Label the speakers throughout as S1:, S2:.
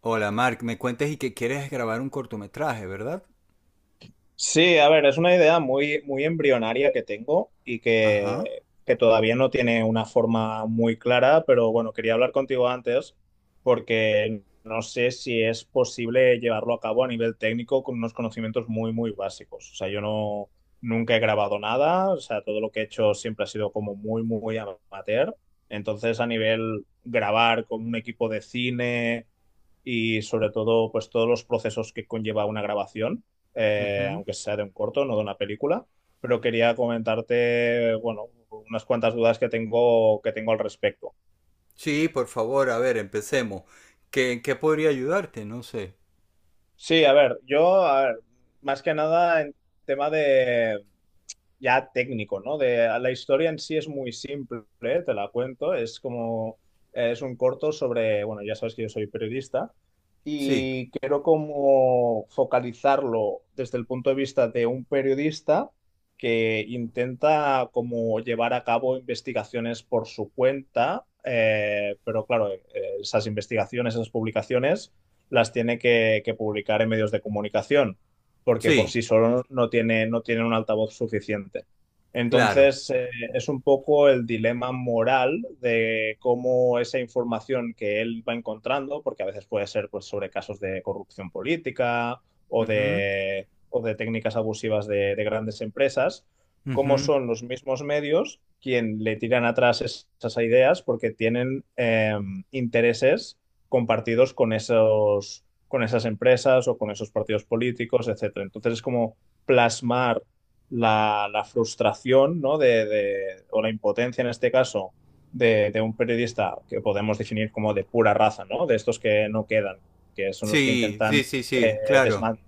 S1: Hola, Mark, me cuentas y que quieres grabar un cortometraje, ¿verdad?
S2: Sí, a ver, es una idea muy, muy embrionaria que tengo y
S1: Ajá.
S2: que, que todavía no tiene una forma muy clara, pero bueno, quería hablar contigo antes porque no sé si es posible llevarlo a cabo a nivel técnico con unos conocimientos muy, muy básicos. O sea, yo no, nunca he grabado nada, o sea, todo lo que he hecho siempre ha sido como muy, muy amateur. Entonces, a nivel grabar con un equipo de cine y sobre todo pues todos los procesos que conlleva una grabación,
S1: Ujú.
S2: aunque sea de un corto, no de una película. Pero quería comentarte, bueno, unas cuantas dudas que tengo, al respecto.
S1: Sí, por favor, a ver, empecemos. ¿Qué, en qué podría ayudarte? No sé.
S2: Sí, a ver, yo, a ver, más que nada en tema de ya técnico, ¿no? De la historia en sí es muy simple, ¿eh? Te la cuento, es como es un corto sobre, bueno, ya sabes que yo soy periodista
S1: Sí,
S2: y quiero como focalizarlo desde el punto de vista de un periodista que intenta como llevar a cabo investigaciones por su cuenta, pero claro, esas investigaciones, esas publicaciones las tiene que publicar en medios de comunicación, porque por
S1: sí,
S2: sí solo no tiene, no tiene un altavoz suficiente.
S1: claro.
S2: Entonces, es un poco el dilema moral de cómo esa información que él va encontrando, porque a veces puede ser pues, sobre casos de corrupción política
S1: Ujú,
S2: o de técnicas abusivas de grandes empresas, cómo
S1: ujú.
S2: son los mismos medios quien le tiran atrás esas ideas porque tienen intereses compartidos con esos, con esas empresas o con esos partidos políticos, etcétera. Entonces es como plasmar la, la frustración, ¿no? O la impotencia en este caso de un periodista que podemos definir como de pura raza, ¿no? De estos que no quedan, que son los que
S1: Sí, sí,
S2: intentan
S1: sí,
S2: eh,
S1: sí, claro.
S2: desman-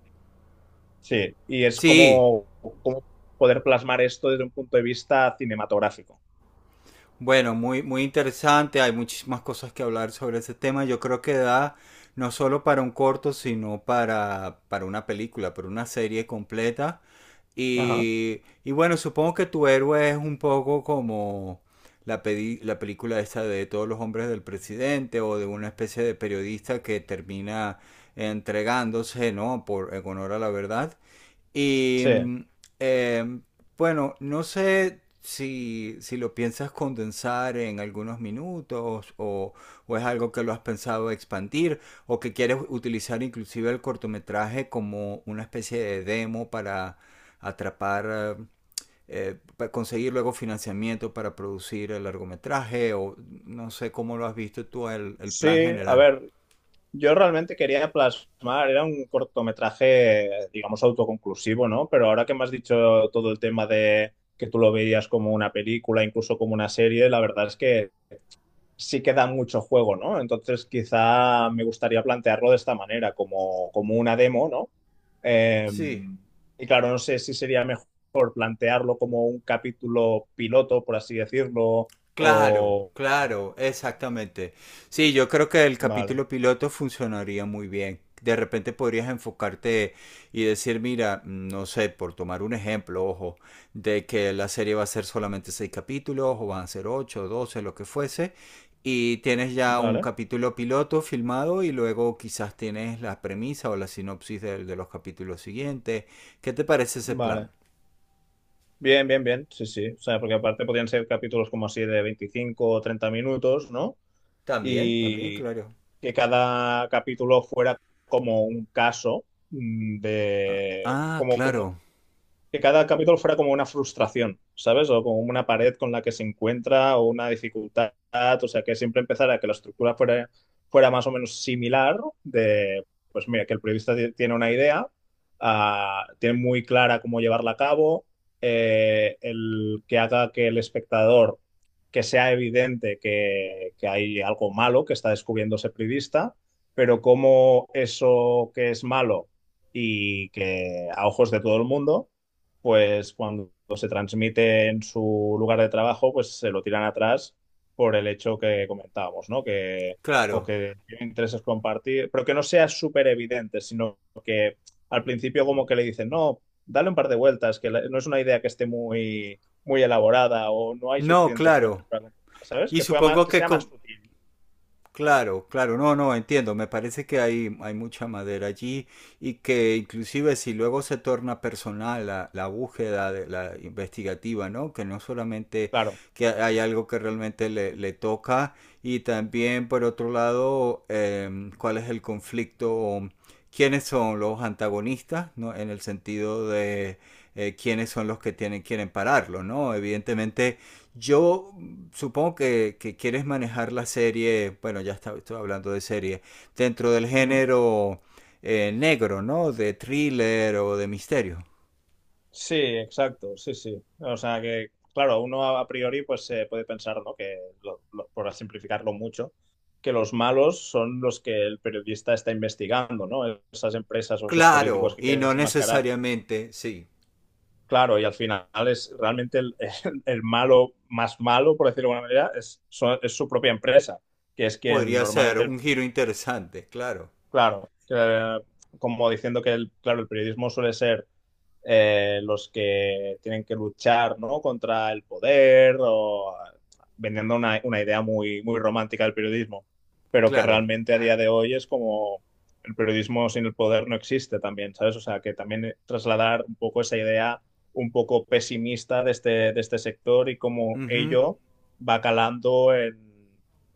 S2: Sí, y es
S1: Sí.
S2: como, como poder plasmar esto desde un punto de vista cinematográfico.
S1: Bueno, muy, muy interesante, hay muchísimas cosas que hablar sobre ese tema. Yo creo que da no solo para un corto, sino para una película, para una serie completa.
S2: Ajá.
S1: Y bueno, supongo que tu héroe es un poco como la película esa de todos los hombres del presidente o de una especie de periodista que termina entregándose, ¿no? Por, en honor a la verdad. Y
S2: Sí.
S1: em, bueno, no sé si, si lo piensas condensar en algunos minutos o es algo que lo has pensado expandir o que quieres utilizar inclusive el cortometraje como una especie de demo para atrapar, eh, para conseguir luego financiamiento para producir el largometraje o no sé cómo lo has visto tú el
S2: Sí,
S1: plan
S2: a
S1: general.
S2: ver, yo realmente quería plasmar, era un cortometraje, digamos, autoconclusivo, ¿no? Pero ahora que me has dicho todo el tema de que tú lo veías como una película, incluso como una serie, la verdad es que sí queda mucho juego, ¿no? Entonces quizá me gustaría plantearlo de esta manera, como, como una demo, ¿no? Eh,
S1: Sí.
S2: y claro, no sé si sería mejor plantearlo como un capítulo piloto, por así decirlo,
S1: Claro,
S2: o...
S1: claro, exactamente. Sí, yo creo que el
S2: Vale,
S1: capítulo piloto funcionaría muy bien. De repente podrías enfocarte y decir, mira, no sé, por tomar un ejemplo, ojo, de que la serie va a ser solamente seis capítulos, o van a ser ocho, 12, lo que fuese, y tienes ya un
S2: vale,
S1: capítulo piloto filmado y luego quizás tienes la premisa o la sinopsis de los capítulos siguientes. ¿Qué te parece ese
S2: vale.
S1: plan?
S2: Bien, bien, bien, sí, sí. O sea, porque aparte podían ser capítulos como así de 25 o 30 minutos, ¿no?
S1: También, también,
S2: Y
S1: claro.
S2: que cada capítulo fuera como un caso,
S1: Ah,
S2: como
S1: claro,
S2: que cada capítulo fuera como una frustración, ¿sabes? O como una pared con la que se encuentra o una dificultad, o sea, que siempre empezara que la estructura fuera, fuera más o menos similar de, pues mira, que el periodista tiene una idea, ah, tiene muy clara cómo llevarla a cabo, el que haga que el espectador, que sea evidente que hay algo malo que está descubriendo ese periodista, pero cómo eso que es malo y que a ojos de todo el mundo pues cuando se transmite en su lugar de trabajo, pues se lo tiran atrás por el hecho que comentábamos, ¿no? Que, o
S1: claro.
S2: que tienen intereses compartir, pero que no sea súper evidente, sino que al principio como que le dicen, no, dale un par de vueltas, que no es una idea que esté muy, muy elaborada o no hay
S1: No,
S2: suficientes fuentes
S1: claro.
S2: para... ¿Sabes?
S1: Y
S2: Que,
S1: supongo
S2: que
S1: que
S2: sea más
S1: con.
S2: sutil,
S1: Claro, claro, no, no, entiendo. Me parece que hay mucha madera allí y que inclusive si luego se torna personal la, la búsqueda de, la investigativa, ¿no? Que no solamente
S2: claro.
S1: que hay algo que realmente le, le toca y también por otro lado cuál es el conflicto, quiénes son los antagonistas, ¿no? En el sentido de quiénes son los que tienen, quieren pararlo, ¿no? Evidentemente yo supongo que quieres manejar la serie, bueno, ya está, estoy hablando de serie, dentro del
S2: Ujú.
S1: género negro, ¿no? De thriller o de misterio.
S2: Sí, exacto, sí, sí. O sea que, claro, uno a priori pues se puede pensar, ¿no? Que, por simplificarlo mucho, que los malos son los que el periodista está investigando, ¿no? Esas empresas o esos políticos
S1: Claro,
S2: que
S1: y
S2: quieren
S1: no
S2: desenmascarar.
S1: necesariamente, sí.
S2: Claro, y al final es realmente el malo más malo, por decirlo de alguna manera, es, es su propia empresa, que es quien
S1: Podría ser
S2: normalmente,
S1: un giro interesante, claro,
S2: claro, que, como diciendo que, el, claro, el periodismo suele ser los que tienen que luchar, ¿no? Contra el poder o vendiendo una idea muy, muy romántica del periodismo, pero que
S1: claro.
S2: realmente a día de hoy es como el periodismo sin el poder no existe también, ¿sabes? O sea, que también trasladar un poco esa idea un poco pesimista de este sector y cómo
S1: Ujú.
S2: ello va calando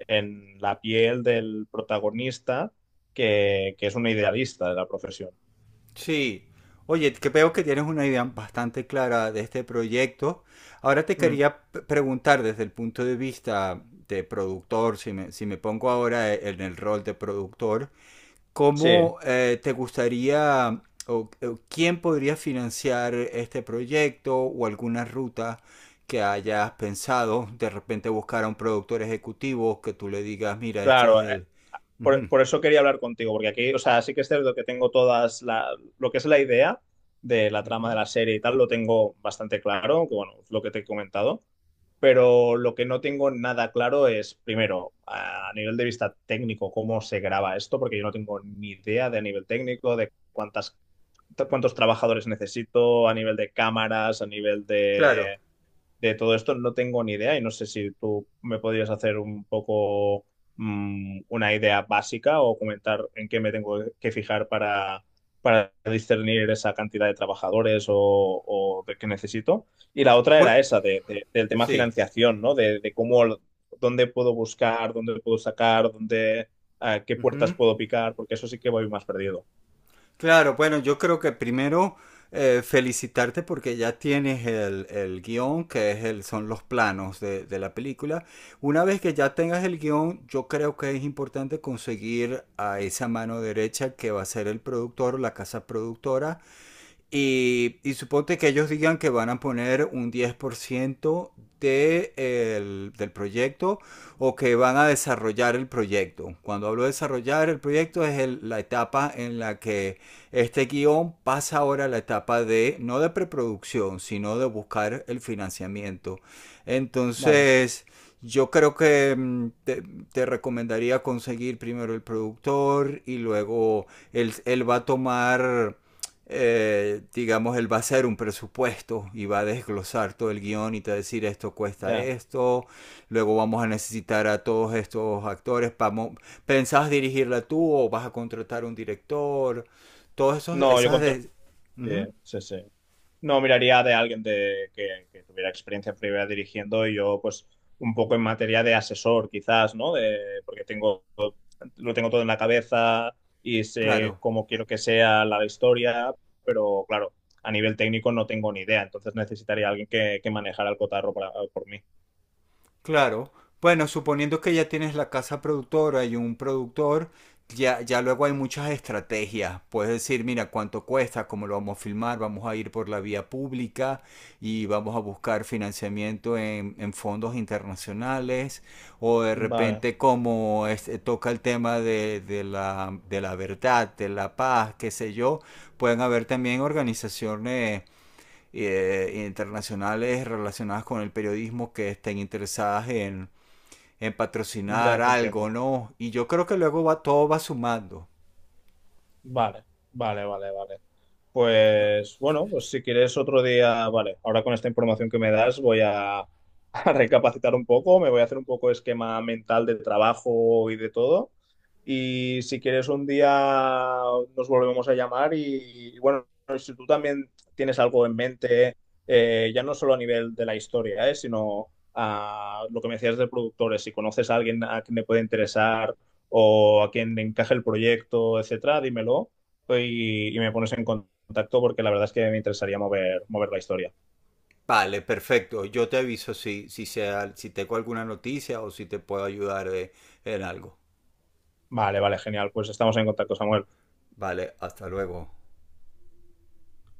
S2: en la piel del protagonista, que es un idealista de la profesión.
S1: Sí. Oye, que veo que tienes una idea bastante clara de este proyecto. Ahora te
S2: Mm,
S1: quería preguntar desde el punto de vista de productor, si me, si me pongo ahora en el rol de productor,
S2: Sí,
S1: ¿cómo te gustaría o quién podría financiar este proyecto o alguna ruta que hayas pensado? De repente buscar a un productor ejecutivo que tú le digas, mira, este
S2: claro,
S1: es el. Ujú,
S2: por eso quería hablar contigo, porque aquí, o sea, sí que es cierto que tengo todas la, lo que es la idea de la trama de
S1: ujú.
S2: la serie y tal, lo tengo bastante claro, que bueno, es lo que te he comentado, pero lo que no tengo nada claro es, primero, a nivel de vista técnico, cómo se graba esto, porque yo no tengo ni idea de a nivel técnico, de cuántas, cuántos trabajadores necesito, a nivel de cámaras, a nivel
S1: Claro.
S2: de todo esto no tengo ni idea y no sé si tú me podrías hacer un poco, una idea básica o comentar en qué me tengo que fijar para discernir esa cantidad de trabajadores o de que necesito. Y la otra
S1: Bue-
S2: era esa, del tema
S1: sí.
S2: financiación, ¿no? De cómo, dónde puedo buscar, dónde puedo sacar, dónde, qué puertas
S1: Ujú.
S2: puedo picar, porque eso sí que voy más perdido.
S1: Claro, bueno, yo creo que primero felicitarte porque ya tienes el guión, que es el, son los planos de la película. Una vez que ya tengas el guión, yo creo que es importante conseguir a esa mano derecha que va a ser el productor o la casa productora y suponte que ellos digan que van a poner un 10% del proyecto o que van a desarrollar el proyecto. Cuando hablo de desarrollar el proyecto es la etapa en la que este guión pasa ahora a la etapa de, no de preproducción, sino de buscar el financiamiento.
S2: Vale.
S1: Entonces, yo creo que te recomendaría conseguir primero el productor y luego él, él va a tomar digamos, él va a hacer un presupuesto y va a desglosar todo el guión y te va a decir esto cuesta
S2: Ya.
S1: esto, luego vamos a necesitar a todos estos actores, vamos, ¿pensás dirigirla tú o vas a contratar un director? Todas
S2: No, yo
S1: esas.
S2: contra...
S1: De. Uh
S2: Sí,
S1: -huh,
S2: sí, sí. No, miraría de alguien de, que tuviera experiencia previa dirigiendo y yo, pues, un poco en materia de asesor, quizás, ¿no? De- porque tengo, lo tengo todo en la cabeza y sé
S1: claro.
S2: cómo quiero que sea la historia, pero claro, a nivel técnico no tengo ni idea, entonces necesitaría a alguien que manejara el cotarro para- por mí.
S1: Claro. Bueno, suponiendo que ya tienes la casa productora y un productor, ya, ya luego hay muchas estrategias. Puedes decir, mira, cuánto cuesta, cómo lo vamos a filmar, vamos a ir por la vía pública y vamos a buscar financiamiento en fondos internacionales. O de
S2: Vale,
S1: repente, como este, toca el tema de la verdad, de la paz, qué sé yo, pueden haber también organizaciones internacionales relacionadas con el periodismo que estén interesadas en patrocinar
S2: ya te entiendo.
S1: algo, ¿no? Y yo creo que luego va, todo va sumando.
S2: Vale, vale, vale, vale.
S1: No.
S2: Pues bueno, pues si quieres otro día, vale, ahora con esta información que me das voy a, a recapacitar un poco, me voy a hacer un poco esquema mental de trabajo y de todo. Y si quieres un día nos volvemos a llamar y, bueno, si tú también tienes algo en mente, ya no solo a nivel de la historia, sino a lo que me decías de productores, si conoces a alguien a quien le puede interesar o a quien le encaje el proyecto, etcétera, dímelo pues, y me pones en contacto porque la verdad es que me interesaría mover, mover la historia.
S1: Vale, perfecto. Yo te aviso si, sea, si tengo alguna noticia o si te puedo ayudar en algo.
S2: Vale, vale, genial. Pues estamos en contacto, Samuel.
S1: Vale, hasta luego.